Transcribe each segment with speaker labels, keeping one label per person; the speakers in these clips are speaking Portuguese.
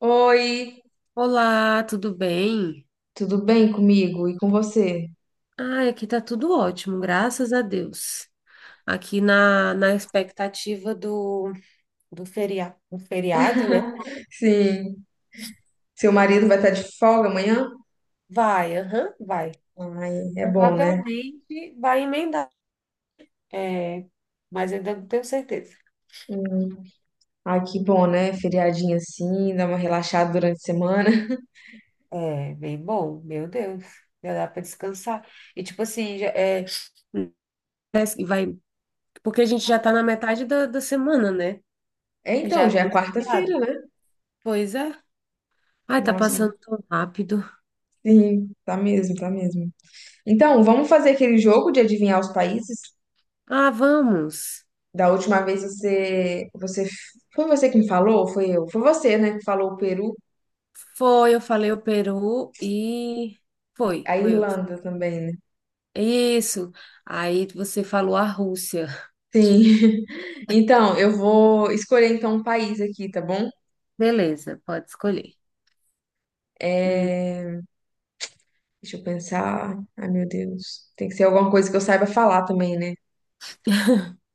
Speaker 1: Oi,
Speaker 2: Olá, tudo bem?
Speaker 1: tudo bem comigo e com você?
Speaker 2: Ah, aqui tá tudo ótimo, graças a Deus. Aqui na expectativa do do feriado, né?
Speaker 1: Sim. Seu marido vai estar de folga amanhã?
Speaker 2: Vai, aham, vai.
Speaker 1: Ai, é bom, né?
Speaker 2: Provavelmente vai emendar. É, mas ainda não tenho certeza.
Speaker 1: Hum. Ai, que bom, né? Feriadinho assim, dá uma relaxada durante a semana.
Speaker 2: É, bem bom, meu Deus. Já dá para descansar. E tipo assim, parece que vai, porque a gente já tá na metade da semana, né?
Speaker 1: É então,
Speaker 2: Já
Speaker 1: já é
Speaker 2: vem feriado.
Speaker 1: quarta-feira, né?
Speaker 2: Pois é. Ai, tá
Speaker 1: Nossa,
Speaker 2: passando tão rápido.
Speaker 1: sim, tá mesmo, tá mesmo. Então, vamos fazer aquele jogo de adivinhar os países?
Speaker 2: Ah, vamos.
Speaker 1: Da última vez você, foi você que me falou, ou foi eu? Foi você, né, que falou o Peru,
Speaker 2: Foi, eu falei o Peru e foi,
Speaker 1: a
Speaker 2: foi. eu-
Speaker 1: Irlanda também, né?
Speaker 2: Isso. Aí você falou a Rússia.
Speaker 1: Sim. Então, eu vou escolher então um país aqui, tá bom?
Speaker 2: Beleza, pode escolher. Hum.
Speaker 1: É, Deixa eu pensar. Ai, meu Deus. Tem que ser alguma coisa que eu saiba falar também, né?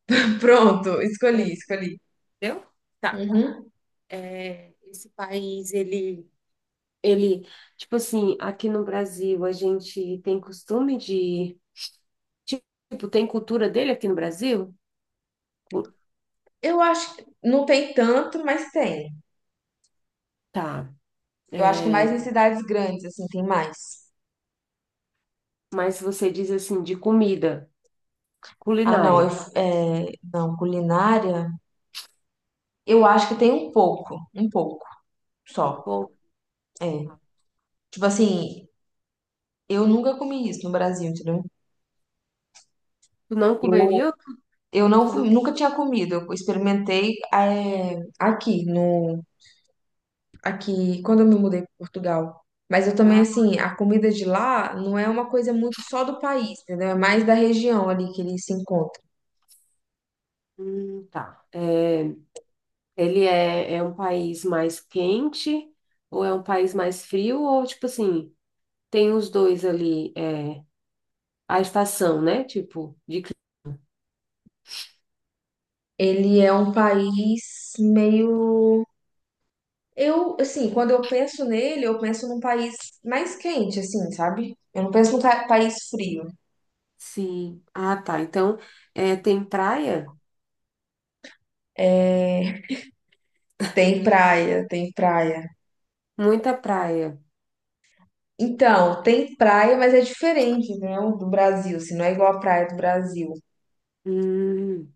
Speaker 1: Pronto, escolhi.
Speaker 2: Entendeu? Tá.
Speaker 1: Uhum.
Speaker 2: É, esse país, ele, tipo assim, aqui no Brasil a gente tem costume de, tipo, tem cultura dele aqui no Brasil? Cu-
Speaker 1: Eu acho que não tem tanto, mas tem.
Speaker 2: Tá.
Speaker 1: Eu acho que
Speaker 2: É,
Speaker 1: mais em cidades grandes, assim, tem mais.
Speaker 2: mas você diz assim, de comida,
Speaker 1: Ah, não, eu,
Speaker 2: culinária.
Speaker 1: não, culinária, eu acho que tem um pouco só.
Speaker 2: Bom,
Speaker 1: É. Tipo assim, eu nunca comi isso no Brasil, entendeu?
Speaker 2: tu não comeria?
Speaker 1: Eu não comi- nunca tinha comido. Eu experimentei aqui no aqui quando eu me mudei para Portugal. Mas eu também
Speaker 2: Ah,
Speaker 1: assim, a comida de lá não é uma coisa muito só do país, entendeu? É mais da região ali que ele se encontra.
Speaker 2: tá. É, é um país mais quente ou é um país mais frio? Ou, tipo assim, tem os dois ali, é, a estação, né?
Speaker 1: Ele é um país meio, eu assim, quando eu penso nele, eu penso num país mais quente assim, sabe? Eu não penso num país frio.
Speaker 2: Sim. Ah, tá. Então, é, tem praia?
Speaker 1: É, tem praia, tem praia.
Speaker 2: Muita praia.
Speaker 1: Então, tem praia, mas é diferente, né, o do Brasil, assim, não é igual a praia do Brasil.
Speaker 2: Hum,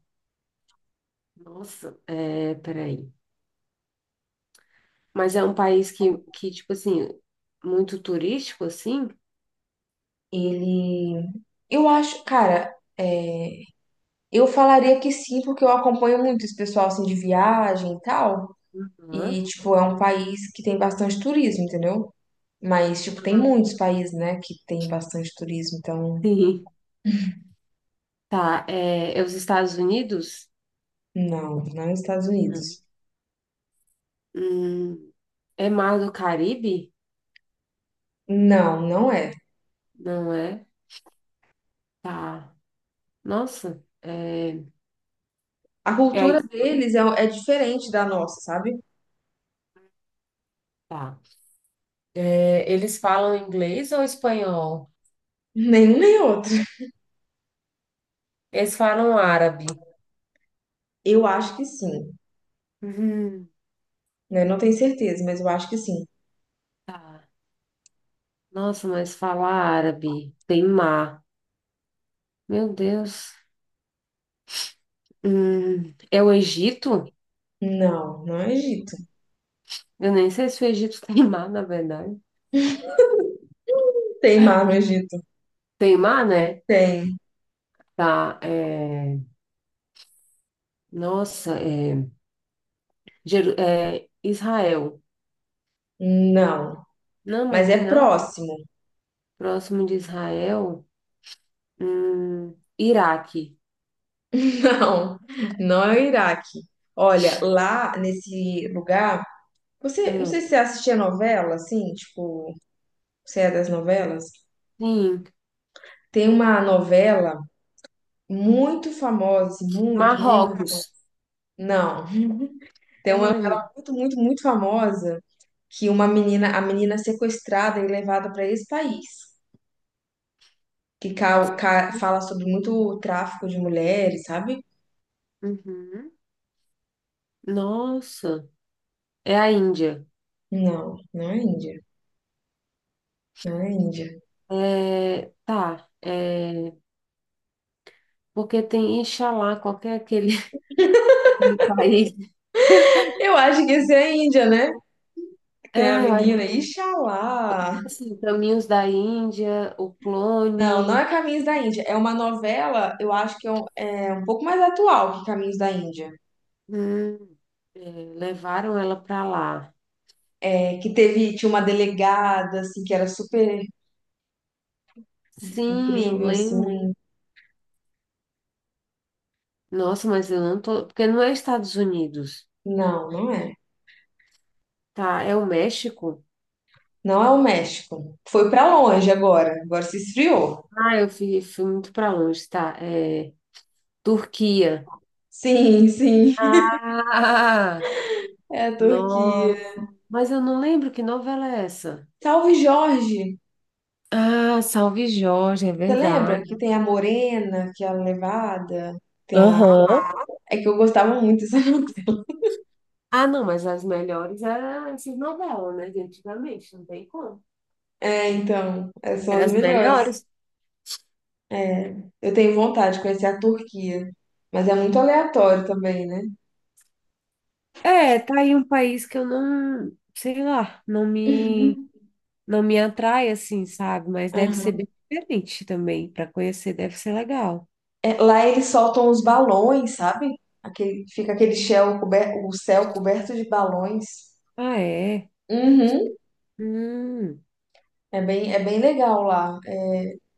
Speaker 2: nossa, é, peraí. Mas é um país que, tipo assim, muito turístico, assim?
Speaker 1: Ele, eu acho, cara, eu falaria que sim, porque eu acompanho muito esse pessoal, assim, de viagem e tal,
Speaker 2: Hã?
Speaker 1: e, tipo, é um país que tem bastante turismo, entendeu? Mas, tipo, tem
Speaker 2: Ah,
Speaker 1: muitos países, né, que tem bastante turismo, então,
Speaker 2: sim. Tá, é, é os Estados Unidos?
Speaker 1: não, não é os Estados
Speaker 2: Hum.
Speaker 1: Unidos.
Speaker 2: Hum, é Mar do Caribe?
Speaker 1: Não, não é.
Speaker 2: Não é? Tá. Nossa.
Speaker 1: A
Speaker 2: É
Speaker 1: cultura deles é diferente da nossa, sabe?
Speaker 2: tá. É, eles falam inglês ou espanhol?
Speaker 1: Nenhum nem outro.
Speaker 2: Eles falam árabe.
Speaker 1: Eu acho que sim.
Speaker 2: Uhum,
Speaker 1: Né? Não tenho certeza, mas eu acho que sim.
Speaker 2: tá. Nossa, mas fala árabe. Tem mar. Meu Deus. É o Egito?
Speaker 1: Não, não é Egito.
Speaker 2: Eu nem sei se o Egito tem mar, na verdade.
Speaker 1: Tem mar no Egito?
Speaker 2: Tem mar, né?
Speaker 1: Tem.
Speaker 2: Tá. Nossa, é... é Israel.
Speaker 1: Não.
Speaker 2: Não, mas não
Speaker 1: Mas
Speaker 2: tem
Speaker 1: é
Speaker 2: nada
Speaker 1: próximo.
Speaker 2: próximo de Israel. Iraque.
Speaker 1: Não, não é o Iraque. Olha, lá nesse lugar, você, não sei
Speaker 2: Hum,
Speaker 1: se você assistia novela, assim, tipo, você é das novelas?
Speaker 2: sim.
Speaker 1: Tem uma novela muito famosa, assim, muito, muito.
Speaker 2: Marrocos.
Speaker 1: Não. Tem uma
Speaker 2: Ai, meu...
Speaker 1: novela muito, muito, muito famosa que uma menina, a menina é sequestrada e levada para esse país, que fala sobre muito tráfico de mulheres, sabe?
Speaker 2: Uhum. Nossa. É a Índia.
Speaker 1: Não, não é Índia. Não é Índia.
Speaker 2: É, tá. É, porque tem Inxalá, qualquer aquele, aquele país.
Speaker 1: Eu acho que esse é a Índia, né? Que tem a
Speaker 2: Ah, eu acho
Speaker 1: menina,
Speaker 2: que
Speaker 1: Ixalá.
Speaker 2: é assim, Caminhos da Índia, o
Speaker 1: Não, não é
Speaker 2: clone,
Speaker 1: Caminhos da Índia. É uma novela, eu acho que é um pouco mais atual que Caminhos da Índia.
Speaker 2: hum, é, levaram ela para lá.
Speaker 1: É, que teve, tinha uma delegada, assim, que era super
Speaker 2: Sim, eu
Speaker 1: incrível,
Speaker 2: lembro.
Speaker 1: assim.
Speaker 2: Nossa, mas eu não tô. Porque não é Estados Unidos,
Speaker 1: Não, não é.
Speaker 2: tá? É o México?
Speaker 1: Não é o México. Foi pra longe agora. Agora se esfriou.
Speaker 2: Ah, fui muito para longe, tá? É, Turquia.
Speaker 1: Sim, sim.
Speaker 2: Ah,
Speaker 1: É a Turquia.
Speaker 2: nossa. Mas eu não lembro que novela é essa.
Speaker 1: Salve Jorge!
Speaker 2: Ah, Salve Jorge, é
Speaker 1: Você lembra
Speaker 2: verdade.
Speaker 1: que tem a morena, que é a levada? Tem a...
Speaker 2: Aham.
Speaker 1: É que eu gostava muito dessa.
Speaker 2: Ah, não, mas as melhores eram essas novelas, né? De antigamente, não tem como.
Speaker 1: É, então, essas são
Speaker 2: Eram
Speaker 1: as
Speaker 2: as
Speaker 1: melhores.
Speaker 2: melhores.
Speaker 1: É, eu tenho vontade de conhecer a Turquia, mas é muito aleatório também, né?
Speaker 2: É, tá aí um país que eu não, sei lá, não me,
Speaker 1: Uhum.
Speaker 2: não me atrai assim, sabe? Mas deve ser
Speaker 1: Aham.
Speaker 2: bem diferente também. Para conhecer, deve ser legal.
Speaker 1: É, lá eles soltam os balões, sabe? Aquele, fica aquele céu coberto, o céu coberto de balões.
Speaker 2: Ah, é?
Speaker 1: Uhum.
Speaker 2: Hum.
Speaker 1: É bem legal lá.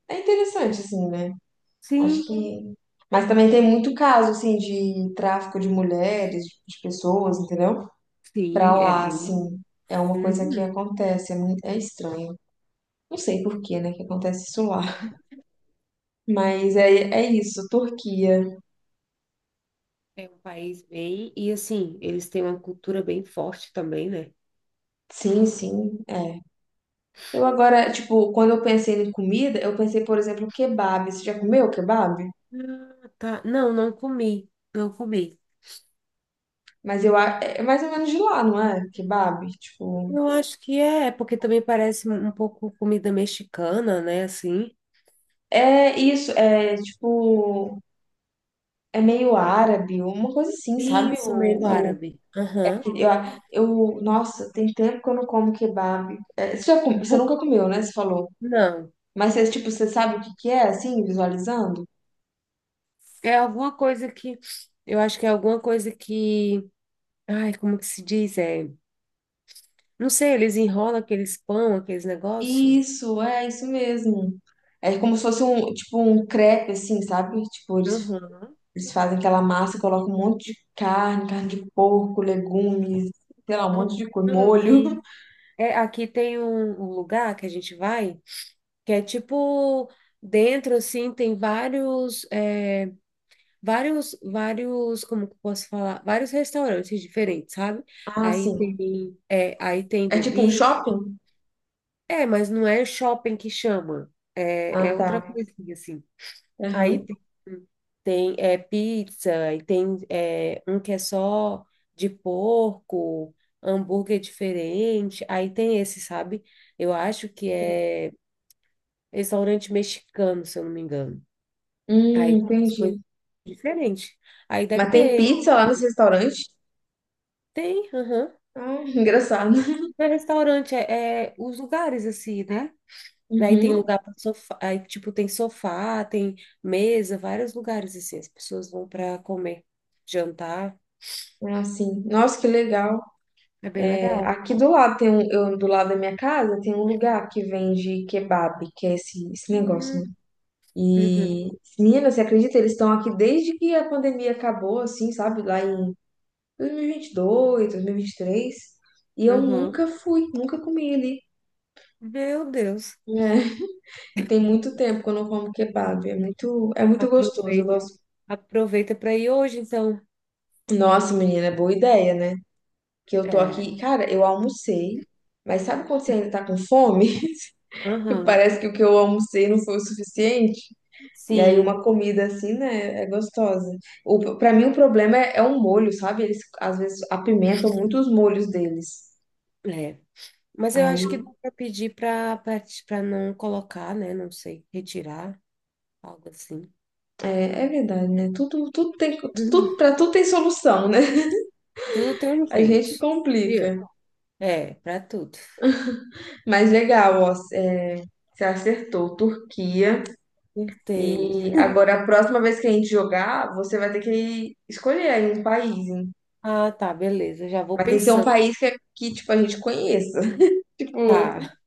Speaker 1: É interessante, assim, né? Acho
Speaker 2: Sim,
Speaker 1: que. Mas também tem muito caso, assim, de tráfico de mulheres, de pessoas, entendeu? Pra
Speaker 2: sim, é
Speaker 1: lá,
Speaker 2: bem.
Speaker 1: assim. É uma coisa que
Speaker 2: Uhum.
Speaker 1: acontece, é muito... é estranho. Não sei por que, né, que acontece isso lá.
Speaker 2: É,
Speaker 1: Mas é, é isso, Turquia.
Speaker 2: é um país bem. E assim, eles têm uma cultura bem forte também, né?
Speaker 1: Sim, sim, é. Eu agora, tipo, quando eu pensei em comida, eu pensei, por exemplo, kebab. Você já comeu kebab?
Speaker 2: Ah, tá. Não, não comi. Não comi.
Speaker 1: É mais ou menos de lá, não é? Kebab, tipo.
Speaker 2: Eu acho que é, porque também parece um pouco comida mexicana, né? Assim.
Speaker 1: É isso, é tipo. É meio árabe, uma coisa assim, sabe?
Speaker 2: Isso, meio árabe. Aham.
Speaker 1: Eu, nossa, tem tempo que eu não como kebab. É, você nunca comeu, né? Você falou.
Speaker 2: Não.
Speaker 1: Mas você, tipo, você sabe o que que é, assim, visualizando?
Speaker 2: É alguma coisa que. Eu acho que é alguma coisa que. Ai, como que se diz? É. Não sei, eles enrolam aqueles pão, aqueles negócios.
Speaker 1: Isso, é isso mesmo. É como se fosse um, tipo, um crepe, assim, sabe? Tipo, eles,
Speaker 2: Aham.
Speaker 1: eles fazem aquela massa, colocam um monte de carne, carne de porco, legumes, sei lá, um
Speaker 2: Aham.
Speaker 1: monte de coisa,
Speaker 2: Não,
Speaker 1: molho.
Speaker 2: aqui. É, aqui tem um lugar que a gente vai, que é tipo dentro assim, tem vários, é, como que eu posso falar? Vários restaurantes diferentes, sabe?
Speaker 1: Ah,
Speaker 2: Aí
Speaker 1: sim.
Speaker 2: tem, é, aí tem
Speaker 1: É tipo um
Speaker 2: bebida.
Speaker 1: shopping?
Speaker 2: É, mas não é shopping que chama. É,
Speaker 1: Ah,
Speaker 2: é outra
Speaker 1: tá.
Speaker 2: coisinha assim. Aí
Speaker 1: Aham.
Speaker 2: tem, é, pizza, e tem é, um que é só de porco, hambúrguer diferente. Aí tem esse, sabe? Eu acho que é restaurante mexicano, se eu não me engano. Aí tem as coisas
Speaker 1: Entendi.
Speaker 2: diferentes. Aí deve
Speaker 1: Mas tem
Speaker 2: ter.
Speaker 1: pizza lá nesse restaurante?
Speaker 2: Tem, aham.
Speaker 1: Ah, engraçado.
Speaker 2: Não é restaurante, é os lugares assim, né? Aí tem
Speaker 1: Uhum.
Speaker 2: lugar para sofá, aí tipo tem sofá, tem mesa, vários lugares assim, as pessoas vão para comer, jantar,
Speaker 1: Ah, sim. Nossa, que legal.
Speaker 2: é bem
Speaker 1: É,
Speaker 2: legal.
Speaker 1: aqui do lado tem um, do lado da minha casa tem um lugar que vende kebab, que é esse, esse negócio, né?
Speaker 2: Hum, Uhum,
Speaker 1: E, menina, você acredita? Eles estão aqui desde que a pandemia acabou, assim, sabe? Lá em 2022, 2023. E vinte e dois, dois mil e vinte e três. E eu
Speaker 2: uhum.
Speaker 1: nunca fui, nunca comi ali.
Speaker 2: Meu Deus.
Speaker 1: Né? E tem muito tempo que eu não como kebab. É muito gostoso. Eu
Speaker 2: Aproveita,
Speaker 1: gosto.
Speaker 2: aproveita para ir hoje, então.
Speaker 1: Nossa, menina, é boa ideia, né? Que eu tô
Speaker 2: É.
Speaker 1: aqui, cara, eu almocei, mas sabe quando você ainda tá com fome? Que
Speaker 2: Aham.
Speaker 1: parece que o que eu almocei não foi o suficiente. E aí
Speaker 2: Sim,
Speaker 1: uma comida assim, né, é gostosa. Para mim o problema é o molho, sabe? Eles às vezes apimentam muito os molhos deles.
Speaker 2: é. Mas eu
Speaker 1: Aí
Speaker 2: acho que dá para pedir para não colocar, né? Não sei, retirar, algo assim.
Speaker 1: é verdade, né?
Speaker 2: Uhum.
Speaker 1: Para tudo tem solução, né?
Speaker 2: Tudo tem um
Speaker 1: A gente
Speaker 2: jeito.
Speaker 1: que
Speaker 2: Viu?
Speaker 1: complica.
Speaker 2: É, para tudo.
Speaker 1: Mas legal, ó, é, você acertou. Turquia.
Speaker 2: Acertei.
Speaker 1: E agora, a próxima vez que a gente jogar, você vai ter que escolher aí um país, hein?
Speaker 2: Ah, tá, beleza. Já vou
Speaker 1: Vai ter que ser um
Speaker 2: pensando.
Speaker 1: país que, é, que tipo, a gente conheça. Tipo,
Speaker 2: Tá,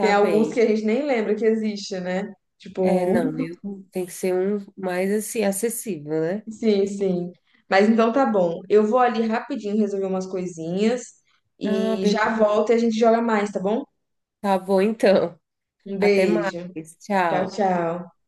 Speaker 1: tem alguns que
Speaker 2: bem.
Speaker 1: a gente nem lembra que existe, né?
Speaker 2: É, não,
Speaker 1: Tipo,
Speaker 2: eu tem que ser um mais assim acessível, né?
Speaker 1: sim, sim. Mas então tá bom. Eu vou ali rapidinho resolver umas coisinhas
Speaker 2: Ah,
Speaker 1: e
Speaker 2: beleza.
Speaker 1: já volto e a gente joga mais, tá bom?
Speaker 2: Tá bom então.
Speaker 1: Um
Speaker 2: Até mais.
Speaker 1: beijo. Tchau,
Speaker 2: Tchau.
Speaker 1: tchau.